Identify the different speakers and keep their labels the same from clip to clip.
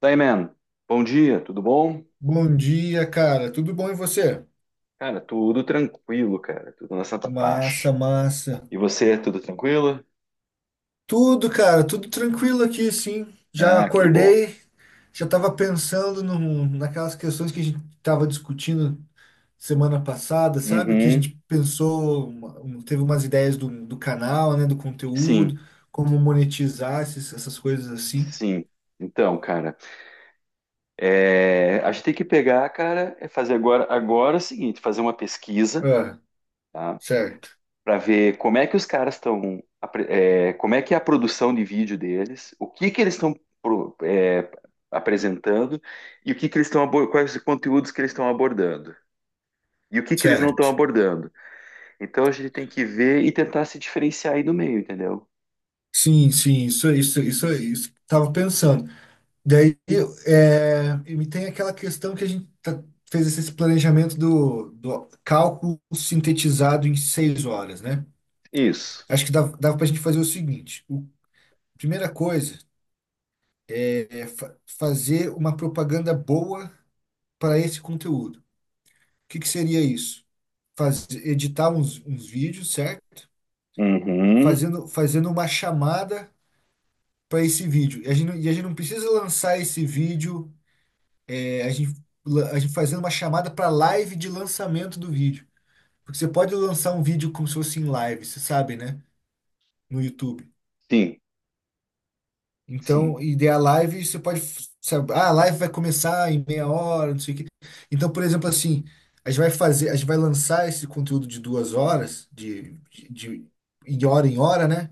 Speaker 1: Daí, man. Bom dia, tudo bom?
Speaker 2: Bom dia, cara. Tudo bom e você?
Speaker 1: Cara, tudo tranquilo, cara. Tudo na santa paz.
Speaker 2: Massa, massa.
Speaker 1: E você, tudo tranquilo?
Speaker 2: Tudo, cara, tudo tranquilo aqui, sim. Já
Speaker 1: Ah, que bom.
Speaker 2: acordei, já tava pensando no naquelas questões que a gente tava discutindo semana passada, sabe? Que a
Speaker 1: Uhum.
Speaker 2: gente pensou, teve umas ideias do canal, né? Do conteúdo,
Speaker 1: Sim,
Speaker 2: como monetizar essas coisas assim.
Speaker 1: sim. Então, cara, a gente tem que pegar, cara, é fazer agora, agora é o seguinte, fazer uma pesquisa,
Speaker 2: Ah,
Speaker 1: tá?
Speaker 2: certo,
Speaker 1: Para ver como é que os caras estão, como é que é a produção de vídeo deles, o que que eles estão pro- é, apresentando e o que que eles estão, quais conteúdos que eles estão abordando. E o que que eles não estão
Speaker 2: certo.
Speaker 1: abordando? Então a gente tem que ver e tentar se diferenciar aí do meio, entendeu?
Speaker 2: Sim, sim, isso. Tava pensando. Daí, é, e tem aquela questão que a gente fez esse planejamento do cálculo sintetizado em seis horas, né?
Speaker 1: Isso.
Speaker 2: Acho que dava para a gente fazer o seguinte: primeira coisa é, fazer uma propaganda boa para esse conteúdo. O que, que seria isso? Fazer, editar uns vídeos, certo?
Speaker 1: Uhum.
Speaker 2: Fazendo uma chamada para esse vídeo. E a gente, e a gente não precisa lançar esse vídeo. É, a gente, a gente fazendo uma chamada para live de lançamento do vídeo. Porque você pode lançar um vídeo como se fosse em live, você sabe, né? No YouTube.
Speaker 1: Sim. Sim.
Speaker 2: Então, e daí a live, você pode, sabe, ah, a live vai começar em meia hora, não sei o quê. Então, por exemplo, assim, a gente vai lançar esse conteúdo de duas horas, de hora em hora, né?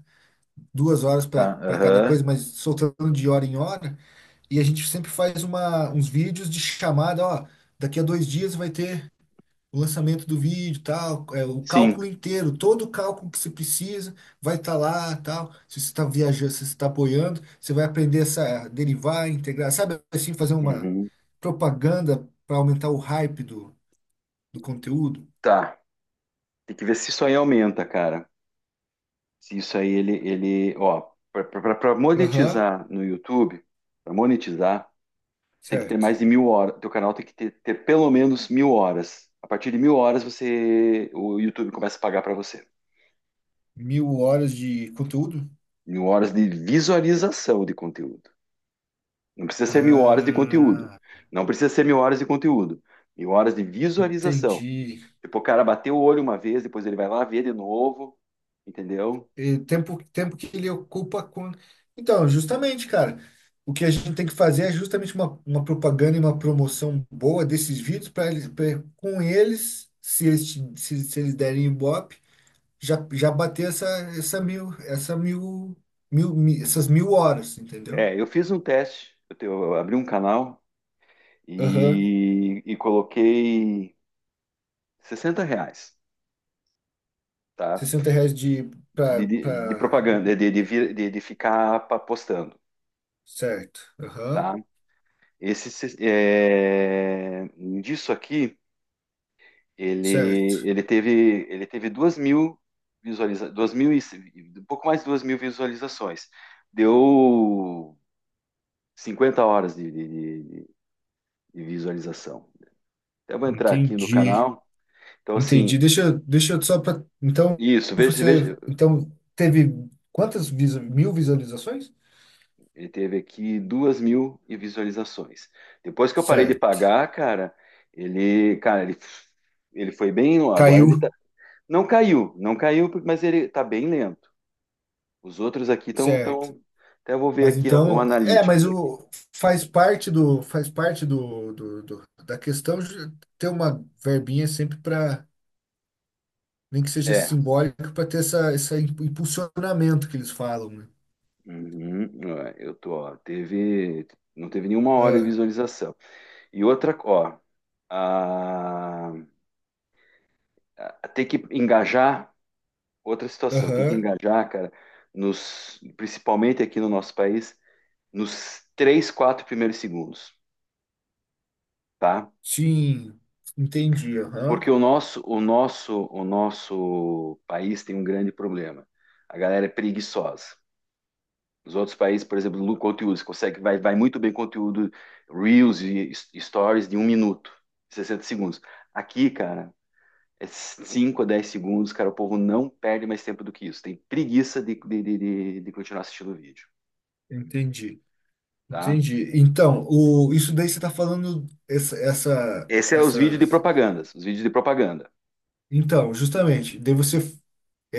Speaker 2: Duas horas
Speaker 1: Tá.
Speaker 2: para cada
Speaker 1: Aham.
Speaker 2: coisa, mas soltando de hora em hora. E a gente sempre faz uns vídeos de chamada, ó, daqui a dois dias vai ter o lançamento do vídeo, tal, é, o cálculo
Speaker 1: Sim.
Speaker 2: inteiro, todo o cálculo que você precisa vai estar lá, tal. Se você está viajando, se você está apoiando, você vai aprender essa derivar, integrar, sabe assim, fazer uma
Speaker 1: Uhum.
Speaker 2: propaganda para aumentar o hype do conteúdo.
Speaker 1: Tá. Tem que ver se isso aí aumenta, cara. Se isso aí ó, para
Speaker 2: Aham,
Speaker 1: monetizar no YouTube, para monetizar, você tem que ter
Speaker 2: certo.
Speaker 1: mais de mil horas. Teu canal tem que ter pelo menos mil horas. A partir de mil horas você, o YouTube começa a pagar para você.
Speaker 2: Mil horas de conteúdo?
Speaker 1: Mil horas de visualização de conteúdo. Não precisa ser mil horas de conteúdo.
Speaker 2: Ah,
Speaker 1: Não precisa ser mil horas de conteúdo. Mil horas de visualização.
Speaker 2: entendi.
Speaker 1: Tipo, o cara bateu o olho uma vez, depois ele vai lá ver de novo, entendeu?
Speaker 2: E tempo, tempo que ele ocupa com. Então, justamente, cara, o que a gente tem que fazer é justamente uma propaganda e uma promoção boa desses vídeos para eles, pra, com eles, se, se eles derem Ibope, já, já bater essa mil, essa mil, essas mil horas, entendeu?
Speaker 1: É, eu fiz um teste, eu abri um canal
Speaker 2: Aham.
Speaker 1: e, coloquei R$ 60, tá?
Speaker 2: Sessenta reais de. Pra,
Speaker 1: De, de
Speaker 2: pra...
Speaker 1: propaganda, de ficar postando,
Speaker 2: Certo. Aham.
Speaker 1: tá? Esse, se- é, disso aqui. Ele,
Speaker 2: Certo.
Speaker 1: ele teve 2 mil 2 mil um pouco mais de 2 mil visualizações. Deu 50 horas de- de visualização. Então, eu vou entrar aqui no
Speaker 2: Entendi.
Speaker 1: canal. Então, assim,
Speaker 2: Entendi. Deixa eu só para. Então,
Speaker 1: isso, veja,
Speaker 2: você.
Speaker 1: veja,
Speaker 2: Então, teve mil visualizações?
Speaker 1: ele teve aqui 2 mil visualizações. Depois que eu parei de
Speaker 2: Certo.
Speaker 1: pagar, cara, ele, cara, ele, ele foi bem, agora
Speaker 2: Caiu.
Speaker 1: ele tá, não caiu, não caiu, mas ele tá bem lento. Os outros aqui estão.
Speaker 2: Certo.
Speaker 1: Tão... Até vou ver
Speaker 2: Mas
Speaker 1: aqui o
Speaker 2: então. É, mas
Speaker 1: Analytics aqui.
Speaker 2: o, faz parte do. Faz parte da questão de ter uma verbinha sempre para. Nem que seja
Speaker 1: É.
Speaker 2: simbólica, para ter essa, esse impulsionamento que eles falam, né?
Speaker 1: Uhum, ó, eu tô, ó, teve. Não teve nenhuma hora de visualização. E outra, ó. a- tem que engajar. Outra
Speaker 2: Ah,
Speaker 1: situação, tem que
Speaker 2: aham.
Speaker 1: engajar, cara, nos, principalmente aqui no nosso país, nos 3, 4 primeiros segundos, tá?
Speaker 2: Sim. Entendi.
Speaker 1: Porque
Speaker 2: Aham.
Speaker 1: o nosso país tem um grande problema. A galera é preguiçosa. Os outros países, por exemplo, no conteúdo, você consegue, vai, vai muito bem conteúdo Reels e Stories de um minuto, 60 segundos. Aqui, cara, é 5 a 10 segundos, cara, o povo não perde mais tempo do que isso. Tem preguiça continuar assistindo o vídeo,
Speaker 2: Entendi.
Speaker 1: tá?
Speaker 2: Entendi. Então, o, isso daí você está falando essa, essa,
Speaker 1: Esse é os vídeos
Speaker 2: essa.
Speaker 1: de propagandas, os vídeos de propaganda.
Speaker 2: Então, justamente, daí você.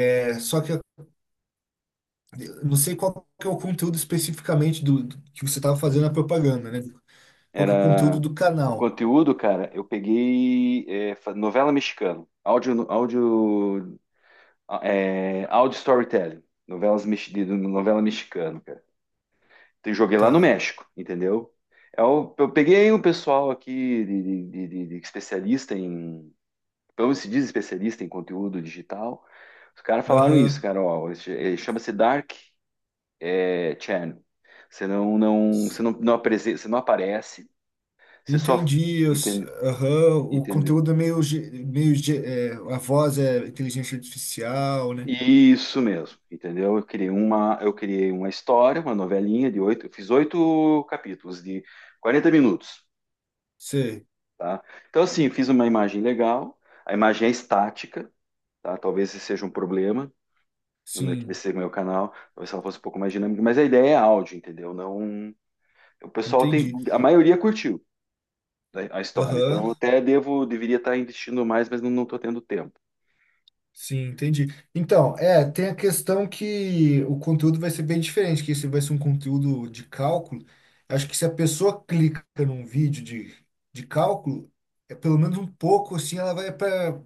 Speaker 2: É, só que eu não sei qual que é o conteúdo especificamente do que você estava fazendo a propaganda, né? Qual que é o conteúdo
Speaker 1: Era
Speaker 2: do
Speaker 1: o
Speaker 2: canal?
Speaker 1: conteúdo, cara, eu peguei é, novela mexicana, áudio, áudio, é, áudio storytelling, novelas, novela mexicana, cara. Joguei lá no
Speaker 2: Tá.
Speaker 1: México, entendeu? Eu peguei um pessoal aqui de, de especialista em, como se diz especialista em conteúdo digital. Os caras falaram isso,
Speaker 2: Aham.
Speaker 1: cara, ó, chama-se Dark Channel. Você não, não, você não, você não aparece, você só
Speaker 2: Entendi.
Speaker 1: entende,
Speaker 2: Aham. O
Speaker 1: entende.
Speaker 2: conteúdo é meio, é, a voz é inteligência artificial, né?
Speaker 1: Isso mesmo, entendeu? Eu criei uma história, uma novelinha de oito, eu fiz 8 capítulos de 40 minutos.
Speaker 2: Sei.
Speaker 1: Tá? Então, assim, fiz uma imagem legal, a imagem é estática, tá? Talvez esse seja um problema no meu, que desse
Speaker 2: Sim.
Speaker 1: seja o meu canal, talvez ela fosse um pouco mais dinâmica, mas a ideia é áudio, entendeu? Não, o pessoal tem,
Speaker 2: Entendi.
Speaker 1: a maioria curtiu a história, então
Speaker 2: Aham.
Speaker 1: eu até devo, deveria estar investindo mais, mas não, não tô tendo tempo.
Speaker 2: Sim, entendi. Então, é, tem a questão que o conteúdo vai ser bem diferente, que esse vai ser um conteúdo de cálculo, acho que se a pessoa clica num vídeo de cálculo, é pelo menos um pouco assim,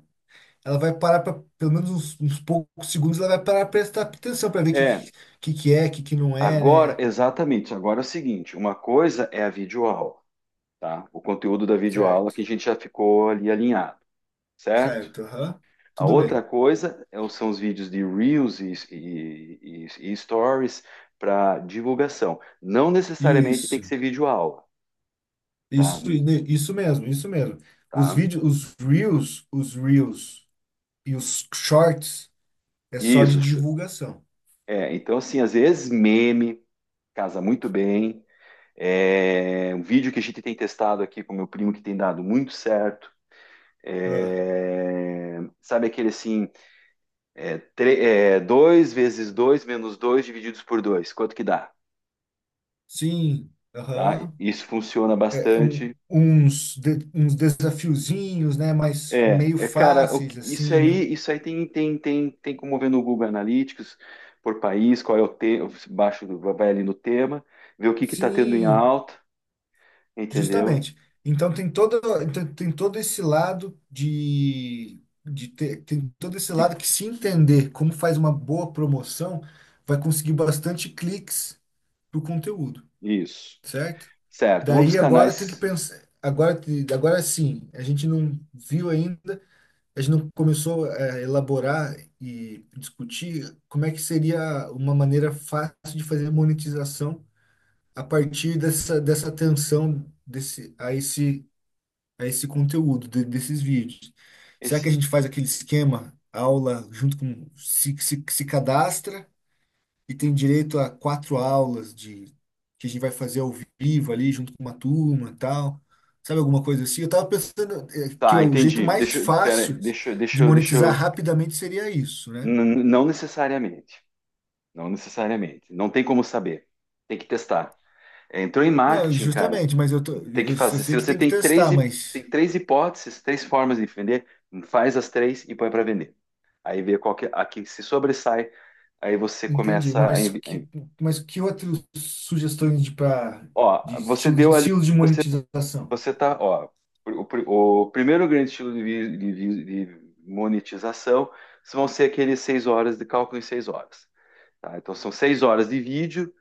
Speaker 2: ela vai parar para pelo menos uns poucos segundos, ela vai parar para prestar atenção para ver o que,
Speaker 1: É,
Speaker 2: que é, o que que não é,
Speaker 1: agora,
Speaker 2: né?
Speaker 1: exatamente, agora é o seguinte, uma coisa é a videoaula, tá? O conteúdo da videoaula
Speaker 2: Certo.
Speaker 1: que a gente já ficou ali alinhado, certo?
Speaker 2: Certo, aham.
Speaker 1: A
Speaker 2: Tudo
Speaker 1: outra
Speaker 2: bem.
Speaker 1: coisa é são os vídeos de Reels e Stories para divulgação. Não necessariamente tem que
Speaker 2: Isso.
Speaker 1: ser vídeo aula, tá?
Speaker 2: Isso, né, isso mesmo, isso mesmo. Os
Speaker 1: Tá?
Speaker 2: vídeos, os reels e os shorts é só de
Speaker 1: Isso.
Speaker 2: divulgação.
Speaker 1: É, então, assim, às vezes meme casa muito bem. É, um vídeo que a gente tem testado aqui com meu primo que tem dado muito certo.
Speaker 2: Ah,
Speaker 1: É, sabe aquele assim, é, 2 vezes 2 menos 2 divididos por 2. Quanto que dá?
Speaker 2: sim,
Speaker 1: Tá?
Speaker 2: aham.
Speaker 1: Isso funciona bastante.
Speaker 2: Uns, uns desafiozinhos, né? Mas
Speaker 1: É,
Speaker 2: meio
Speaker 1: é, cara,
Speaker 2: fáceis, assim, né?
Speaker 1: isso aí tem como ver no Google Analytics, por país, qual é o tema, baixo, vai ali no tema, ver o que que tá tendo em
Speaker 2: Sim,
Speaker 1: alta, entendeu?
Speaker 2: justamente. Então tem todo, tem, tem todo esse lado de ter, tem todo esse
Speaker 1: De-
Speaker 2: lado que se entender como faz uma boa promoção, vai conseguir bastante cliques pro conteúdo,
Speaker 1: isso.
Speaker 2: certo?
Speaker 1: Certo. Um dos
Speaker 2: Daí agora tem que
Speaker 1: canais,
Speaker 2: pensar, agora sim, a gente não viu ainda, a gente não começou é, a elaborar e discutir como é que seria uma maneira fácil de fazer monetização a partir dessa, dessa atenção desse, a esse conteúdo, desses vídeos. Será que a
Speaker 1: esse,
Speaker 2: gente faz aquele esquema, aula, junto com, se cadastra, e tem direito a quatro aulas de que a gente vai fazer ao vivo ali, junto com uma turma e tal. Sabe alguma coisa assim? Eu tava pensando que
Speaker 1: tá,
Speaker 2: o jeito
Speaker 1: entendi.
Speaker 2: mais
Speaker 1: Deixa, eu- pera, aí,
Speaker 2: fácil
Speaker 1: deixa, eu- deixa,
Speaker 2: de
Speaker 1: eu- deixa,
Speaker 2: monetizar
Speaker 1: eu-
Speaker 2: rapidamente seria isso, né?
Speaker 1: não necessariamente, não necessariamente. Não tem como saber. Tem que testar. É, entrou em
Speaker 2: Não,
Speaker 1: marketing, cara.
Speaker 2: justamente,
Speaker 1: Tem que
Speaker 2: eu
Speaker 1: fazer. Se
Speaker 2: sei que
Speaker 1: você
Speaker 2: tem que
Speaker 1: tem
Speaker 2: testar, mas
Speaker 1: tem três hipóteses, três formas de vender, faz as três e põe para vender. Aí vê qual que, a que se sobressai, aí você
Speaker 2: entendi.
Speaker 1: começa
Speaker 2: Mas que outras sugestões de, pra,
Speaker 1: ó, você
Speaker 2: de
Speaker 1: deu ali,
Speaker 2: estilo de
Speaker 1: você,
Speaker 2: monetização?
Speaker 1: você tá, ó, o primeiro grande estilo de monetização vão ser aqueles seis horas de cálculo em seis horas, tá? Então são seis horas de vídeo.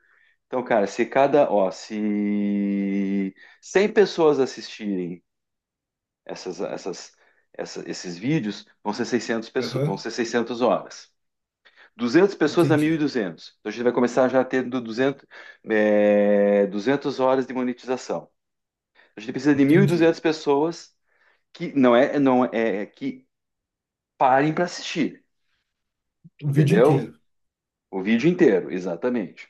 Speaker 1: Então, cara, se cada, ó, se 100 pessoas assistirem essas, essas, esses vídeos vão ser 600 pessoas, vão
Speaker 2: Aham,
Speaker 1: ser 600 horas. 200 pessoas dá
Speaker 2: entendi,
Speaker 1: 1.200. Então a gente vai começar já a ter do 200, é, 200 horas de monetização. A gente precisa de
Speaker 2: entendi.
Speaker 1: 1.200 pessoas que não é, é que parem para assistir,
Speaker 2: O vídeo
Speaker 1: entendeu?
Speaker 2: inteiro.
Speaker 1: O vídeo inteiro, exatamente.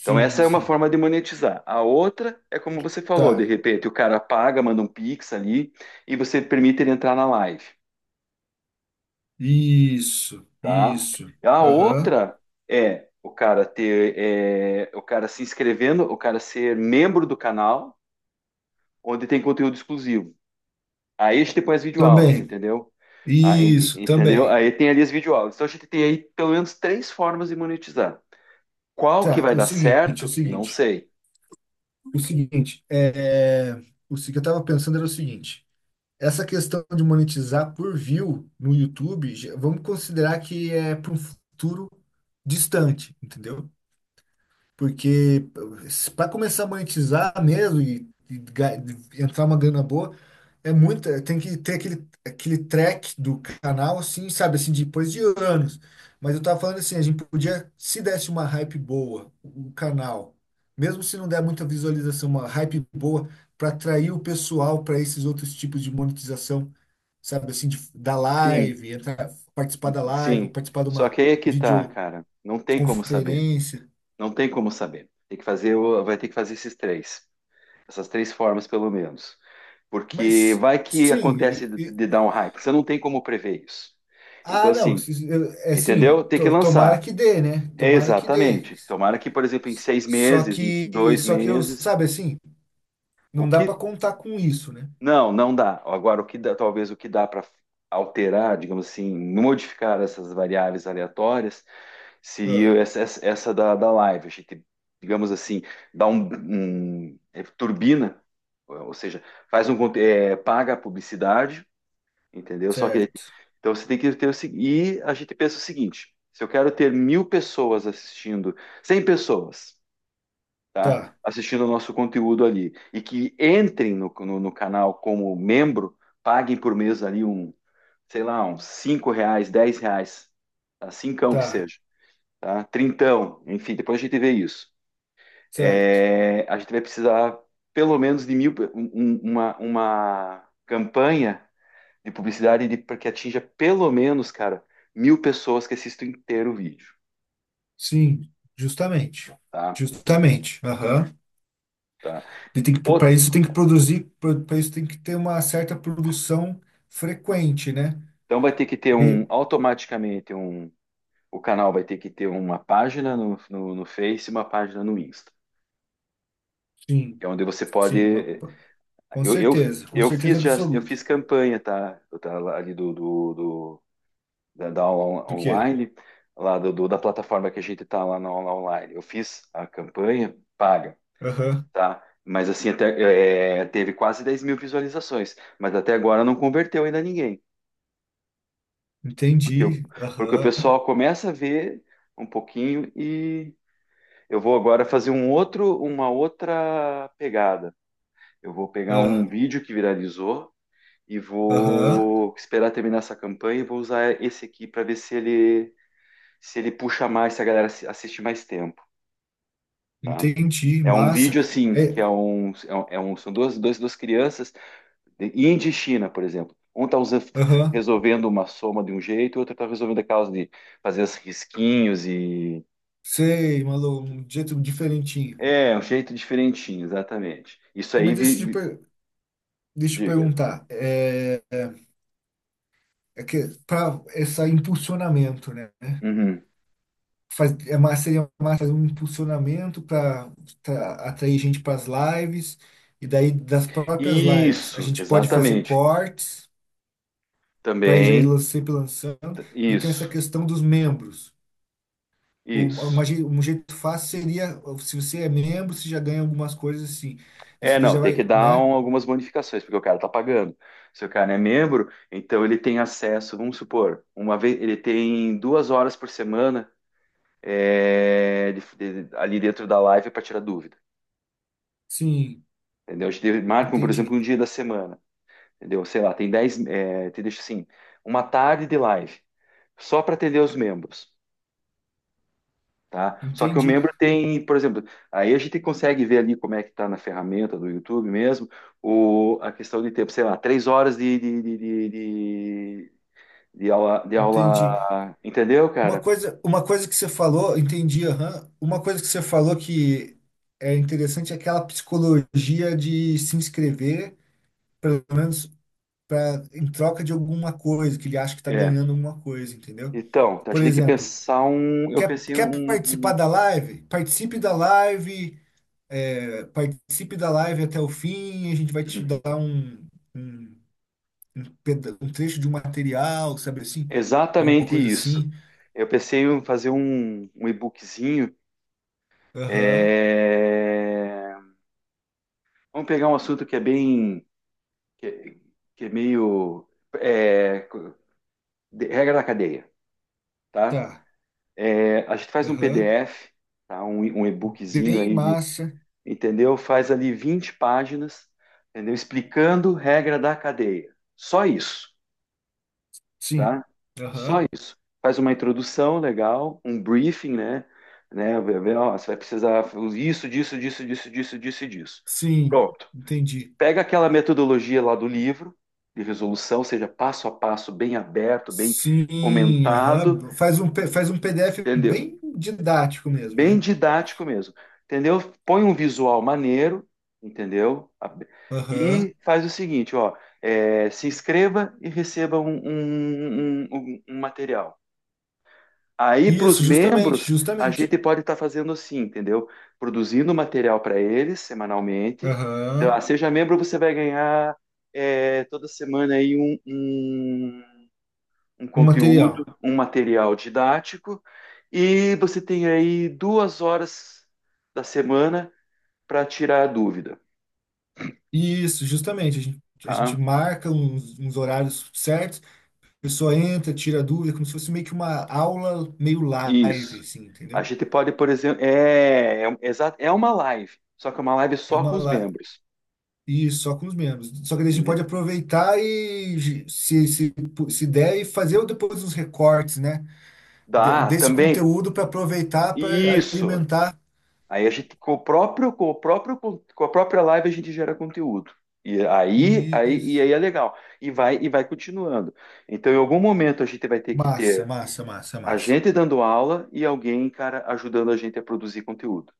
Speaker 1: Então essa é uma
Speaker 2: sim.
Speaker 1: forma de monetizar. A outra é como você falou, de
Speaker 2: Tá.
Speaker 1: repente o cara paga, manda um Pix ali e você permite ele entrar na live.
Speaker 2: Isso,
Speaker 1: Tá?
Speaker 2: isso.
Speaker 1: A
Speaker 2: Aham.
Speaker 1: outra é o cara ter, é, o cara se inscrevendo, o cara ser membro do canal, onde tem conteúdo exclusivo. Aí a gente tem as videoaulas,
Speaker 2: Também.
Speaker 1: entendeu? Ah,
Speaker 2: Isso,
Speaker 1: entendeu?
Speaker 2: também.
Speaker 1: Aí tem ali as videoaulas. Então a gente tem aí pelo menos três formas de monetizar. Qual que
Speaker 2: Tá,
Speaker 1: vai dar
Speaker 2: é
Speaker 1: certo? Não sei.
Speaker 2: o seguinte, é, o se- que eu tava pensando era o seguinte, essa questão de monetizar por view no YouTube, já- vamos considerar que é para um futuro distante, entendeu? Porque para começar a monetizar mesmo e entrar uma grana boa, é muito, é, tem que ter aquele, aquele track do canal, assim, sabe, assim, depois de anos. Mas eu tava falando assim, a gente podia, se desse uma hype boa, o canal, mesmo se não der muita visualização, uma hype boa para atrair o pessoal para esses outros tipos de monetização, sabe, assim, de, da
Speaker 1: Sim,
Speaker 2: live, entrar, participar da live, ou
Speaker 1: sim.
Speaker 2: participar de
Speaker 1: Só
Speaker 2: uma
Speaker 1: que aí é que tá, cara. Não tem como saber.
Speaker 2: videoconferência.
Speaker 1: Não tem como saber. Tem que fazer, vai ter que fazer esses três. Essas três formas, pelo menos. Porque
Speaker 2: Mas
Speaker 1: vai que
Speaker 2: sim,
Speaker 1: acontece
Speaker 2: e- e-
Speaker 1: de dar um hype. Você não tem como prever isso. Então,
Speaker 2: ah, não,
Speaker 1: assim,
Speaker 2: é assim,
Speaker 1: entendeu? Tem que
Speaker 2: tomara
Speaker 1: lançar.
Speaker 2: que dê, né?
Speaker 1: É
Speaker 2: Tomara que dê.
Speaker 1: exatamente. Tomara que, por exemplo, em seis
Speaker 2: Só
Speaker 1: meses, em
Speaker 2: que,
Speaker 1: dois
Speaker 2: só que eu,
Speaker 1: meses,
Speaker 2: sabe assim, não
Speaker 1: o
Speaker 2: dá para
Speaker 1: que
Speaker 2: contar com isso, né?
Speaker 1: não, não dá. Agora, o que dá, talvez o que dá para alterar, digamos assim, modificar essas variáveis aleatórias,
Speaker 2: Ah,
Speaker 1: seria essa da live. A gente, digamos assim, dá é, turbina, ou seja, faz é, paga a publicidade, entendeu? Só que
Speaker 2: certo.
Speaker 1: então você tem que ter o seguinte. E a gente pensa o seguinte: se eu quero ter mil pessoas assistindo, 100 pessoas, tá?
Speaker 2: Tá,
Speaker 1: Assistindo o nosso conteúdo ali. E que entrem no canal como membro, paguem por mês ali um, sei lá, uns R$ 5, R$ 10, tá? Cincão que
Speaker 2: tá,
Speaker 1: seja, tá? Trintão, enfim, depois a gente vê isso.
Speaker 2: certo.
Speaker 1: É, a gente vai precisar pelo menos de mil, uma campanha de publicidade de, para que atinja pelo menos, cara, mil pessoas que assistam inteiro o vídeo,
Speaker 2: Sim, justamente.
Speaker 1: tá?
Speaker 2: Justamente. Aham.
Speaker 1: Tá.
Speaker 2: E tem que, para
Speaker 1: Ou-
Speaker 2: isso tem que produzir, para isso tem que ter uma certa produção frequente, né?
Speaker 1: então vai ter que ter
Speaker 2: E-
Speaker 1: um automaticamente um. O canal vai ter que ter uma página no Face e uma página no Insta,
Speaker 2: sim,
Speaker 1: que é onde você
Speaker 2: sim, uma-
Speaker 1: pode. Eu, eu,
Speaker 2: com
Speaker 1: eu
Speaker 2: certeza
Speaker 1: fiz já, eu
Speaker 2: absoluta.
Speaker 1: fiz campanha, tá? Eu tá ali da, da aula
Speaker 2: Do quê?
Speaker 1: online, lá da plataforma que a gente tá lá na aula online. Eu fiz a campanha paga, tá? Mas assim, até, é, teve quase 10 mil visualizações, mas até agora não converteu ainda ninguém, porque,
Speaker 2: Entendi.
Speaker 1: porque o
Speaker 2: Aham.
Speaker 1: pessoal começa a ver um pouquinho. Eu vou agora fazer um outro, uma outra pegada. Eu vou pegar um
Speaker 2: Ah,
Speaker 1: vídeo que viralizou e
Speaker 2: aham.
Speaker 1: vou esperar terminar essa campanha e vou usar esse aqui para ver se ele puxa mais, se a galera assiste mais tempo, tá?
Speaker 2: Entendi.
Speaker 1: É um
Speaker 2: Massa.
Speaker 1: vídeo assim que
Speaker 2: É,
Speaker 1: é um, são duas crianças de Índia e China, por exemplo. Um está
Speaker 2: aham.
Speaker 1: resolvendo uma soma de um jeito, o outro está resolvendo a causa de fazer os risquinhos e
Speaker 2: Sei, Malu, um jeito diferentinho.
Speaker 1: é um jeito diferentinho, exatamente. Isso
Speaker 2: É,
Speaker 1: aí vi,
Speaker 2: Deixa eu te
Speaker 1: diga.
Speaker 2: perguntar. É, é que para esse impulsionamento, né?
Speaker 1: Uhum.
Speaker 2: Faz, é mais, seria mais fazer um impulsionamento para atrair gente para as lives. E daí, das próprias lives, a
Speaker 1: Isso,
Speaker 2: gente pode fazer
Speaker 1: exatamente.
Speaker 2: cortes para ir
Speaker 1: Também,
Speaker 2: lan- sempre lançando. E tem essa
Speaker 1: isso,
Speaker 2: questão dos membros.
Speaker 1: isso.
Speaker 2: Um jeito fácil seria, se você é membro, você já ganha algumas coisas assim.
Speaker 1: É,
Speaker 2: Isso daí
Speaker 1: não,
Speaker 2: já
Speaker 1: tem
Speaker 2: vai,
Speaker 1: que dar
Speaker 2: né?
Speaker 1: algumas bonificações, porque o cara tá pagando. Se o cara é membro, então ele tem acesso, vamos supor, uma vez, ele tem 2 horas por semana é, ali dentro da live para tirar dúvida,
Speaker 2: Sim,
Speaker 1: entendeu? A gente marca, por exemplo,
Speaker 2: entendi.
Speaker 1: um dia da semana, entendeu? Sei lá, tem dez, é, te deixa assim, uma tarde de live, só para atender os membros. Tá? Só que o
Speaker 2: Entendi,
Speaker 1: membro tem, por exemplo, aí a gente consegue ver ali como é que está na ferramenta do YouTube mesmo, o, a questão de tempo, sei lá, 3 horas de
Speaker 2: entendi.
Speaker 1: aula, entendeu,
Speaker 2: Uma
Speaker 1: cara?
Speaker 2: coisa, uma coisa que você falou, entendi, aham. Uma coisa que você falou que é interessante é aquela psicologia de se inscrever, pelo menos pra, em troca de alguma coisa, que ele acha que está
Speaker 1: É.
Speaker 2: ganhando alguma coisa, entendeu?
Speaker 1: Então, a
Speaker 2: Por
Speaker 1: gente tem que
Speaker 2: exemplo,
Speaker 1: pensar um, eu pensei
Speaker 2: quer participar da live? Participe da live. É, participe da live até o fim, a gente vai te dar um, um um trecho de um material, sabe assim? Alguma
Speaker 1: exatamente
Speaker 2: coisa
Speaker 1: isso.
Speaker 2: assim.
Speaker 1: Eu pensei em fazer um e-bookzinho.
Speaker 2: Aham,
Speaker 1: É, vamos pegar um assunto que é bem, que, que é meio, é, regra da cadeia, tá?
Speaker 2: tá.
Speaker 1: É, a gente faz um
Speaker 2: Aham.
Speaker 1: PDF, tá? Um e-bookzinho
Speaker 2: Bem
Speaker 1: aí, de-
Speaker 2: massa.
Speaker 1: entendeu? Faz ali 20 páginas, entendeu? Explicando regra da cadeia. Só isso,
Speaker 2: Sim.
Speaker 1: tá? Só
Speaker 2: Aham.
Speaker 1: isso. Faz uma introdução legal, um briefing, né? Né? Vê, ó, você vai precisar isso, disso, disso, disso, disso, disso e disso.
Speaker 2: Sim,
Speaker 1: Pronto.
Speaker 2: entendi.
Speaker 1: Pega aquela metodologia lá do livro de resolução, ou seja passo a passo, bem aberto, bem
Speaker 2: Sim,
Speaker 1: comentado,
Speaker 2: aham. Faz um PDF
Speaker 1: entendeu?
Speaker 2: bem didático mesmo,
Speaker 1: Bem
Speaker 2: né?
Speaker 1: didático mesmo, entendeu? Põe um visual maneiro, entendeu?
Speaker 2: Aham.
Speaker 1: E faz o seguinte, ó, é, se inscreva e receba um material. Aí, para os
Speaker 2: Isso, justamente,
Speaker 1: membros, a
Speaker 2: justamente.
Speaker 1: gente pode estar fazendo assim, entendeu? Produzindo material para eles semanalmente. Então, ah,
Speaker 2: Aham.
Speaker 1: seja membro, você vai ganhar é, toda semana aí um
Speaker 2: Um
Speaker 1: conteúdo,
Speaker 2: material.
Speaker 1: um material didático, e você tem aí 2 horas da semana para tirar a dúvida,
Speaker 2: Isso, justamente. A gente
Speaker 1: tá?
Speaker 2: marca uns horários certos, a pessoa entra, tira dúvida, como se fosse meio que uma aula meio live,
Speaker 1: Isso.
Speaker 2: assim,
Speaker 1: A
Speaker 2: entendeu?
Speaker 1: gente pode, por exemplo, é uma live, só que é uma live
Speaker 2: É
Speaker 1: só com
Speaker 2: uma
Speaker 1: os
Speaker 2: live.
Speaker 1: membros,
Speaker 2: Isso, só com os membros. Só que daí a gente pode
Speaker 1: entendeu?
Speaker 2: aproveitar se der, e fazer depois uns recortes, né?
Speaker 1: Dá,
Speaker 2: Desse
Speaker 1: também,
Speaker 2: conteúdo para aproveitar, para
Speaker 1: isso.
Speaker 2: alimentar.
Speaker 1: Aí a gente, com o próprio, com a própria live a gente gera conteúdo. E e
Speaker 2: Isso.
Speaker 1: aí é legal. E e vai continuando. Então, em algum momento a gente vai ter que
Speaker 2: Massa,
Speaker 1: ter
Speaker 2: massa, massa,
Speaker 1: a
Speaker 2: massa.
Speaker 1: gente dando aula e alguém, cara, ajudando a gente a produzir conteúdo,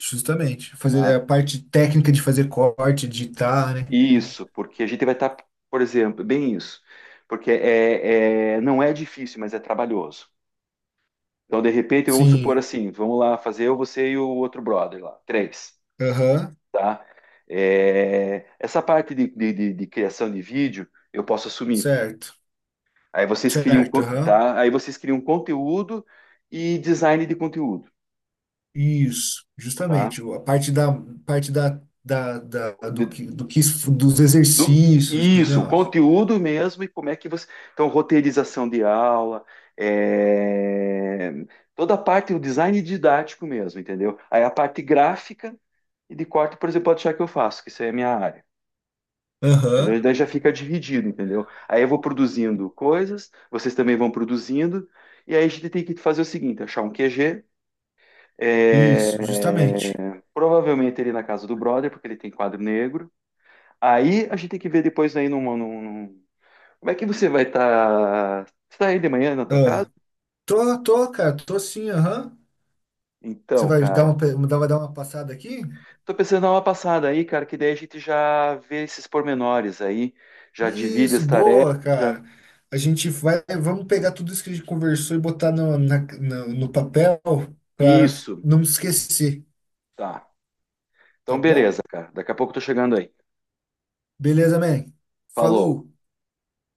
Speaker 2: Justamente. Fazer
Speaker 1: tá?
Speaker 2: a parte técnica de fazer corte, editar, né?
Speaker 1: E isso, porque a gente vai estar, por exemplo, bem isso, porque é, não é difícil, mas é trabalhoso. Então, de repente, vamos supor
Speaker 2: Sim.
Speaker 1: assim, vamos lá fazer eu, você e o outro brother lá, três,
Speaker 2: Aham.
Speaker 1: tá? É, essa parte de criação de vídeo eu posso assumir.
Speaker 2: Certo,
Speaker 1: Aí vocês criam,
Speaker 2: certo, aham.
Speaker 1: tá? Aí vocês criam conteúdo e design de conteúdo,
Speaker 2: Isso,
Speaker 1: tá?
Speaker 2: justamente. A parte da
Speaker 1: De-
Speaker 2: do que dos
Speaker 1: Do-
Speaker 2: exercícios, dos
Speaker 1: isso, o
Speaker 2: negócios.
Speaker 1: conteúdo mesmo e como é que você. Então, roteirização de aula, é, toda a parte, o design didático mesmo, entendeu? Aí a parte gráfica e de corte, por exemplo, pode achar que eu faço, que isso aí é a minha área.
Speaker 2: Aham,
Speaker 1: Entendeu? Daí já fica dividido, entendeu? Aí eu vou produzindo coisas, vocês também vão produzindo, e aí a gente tem que fazer o seguinte: achar um QG, é,
Speaker 2: isso, justamente.
Speaker 1: provavelmente ele na casa do brother, porque ele tem quadro negro. Aí a gente tem que ver depois aí como é que você vai estar? Você tá aí de manhã na tua casa?
Speaker 2: Ah, tô sim, aham. Você
Speaker 1: Então,
Speaker 2: vai dar
Speaker 1: cara,
Speaker 2: uma, vai dar uma passada aqui?
Speaker 1: tô pensando em dar uma passada aí, cara, que daí a gente já vê esses pormenores aí, já divide
Speaker 2: Isso,
Speaker 1: as tarefas,
Speaker 2: boa,
Speaker 1: já.
Speaker 2: cara. Vamos pegar tudo isso que a gente conversou e botar no, no papel para
Speaker 1: Isso,
Speaker 2: não esquecer,
Speaker 1: tá.
Speaker 2: tá
Speaker 1: Então,
Speaker 2: bom?
Speaker 1: beleza, cara. Daqui a pouco eu tô chegando aí.
Speaker 2: Beleza, man.
Speaker 1: Falou.
Speaker 2: Falou.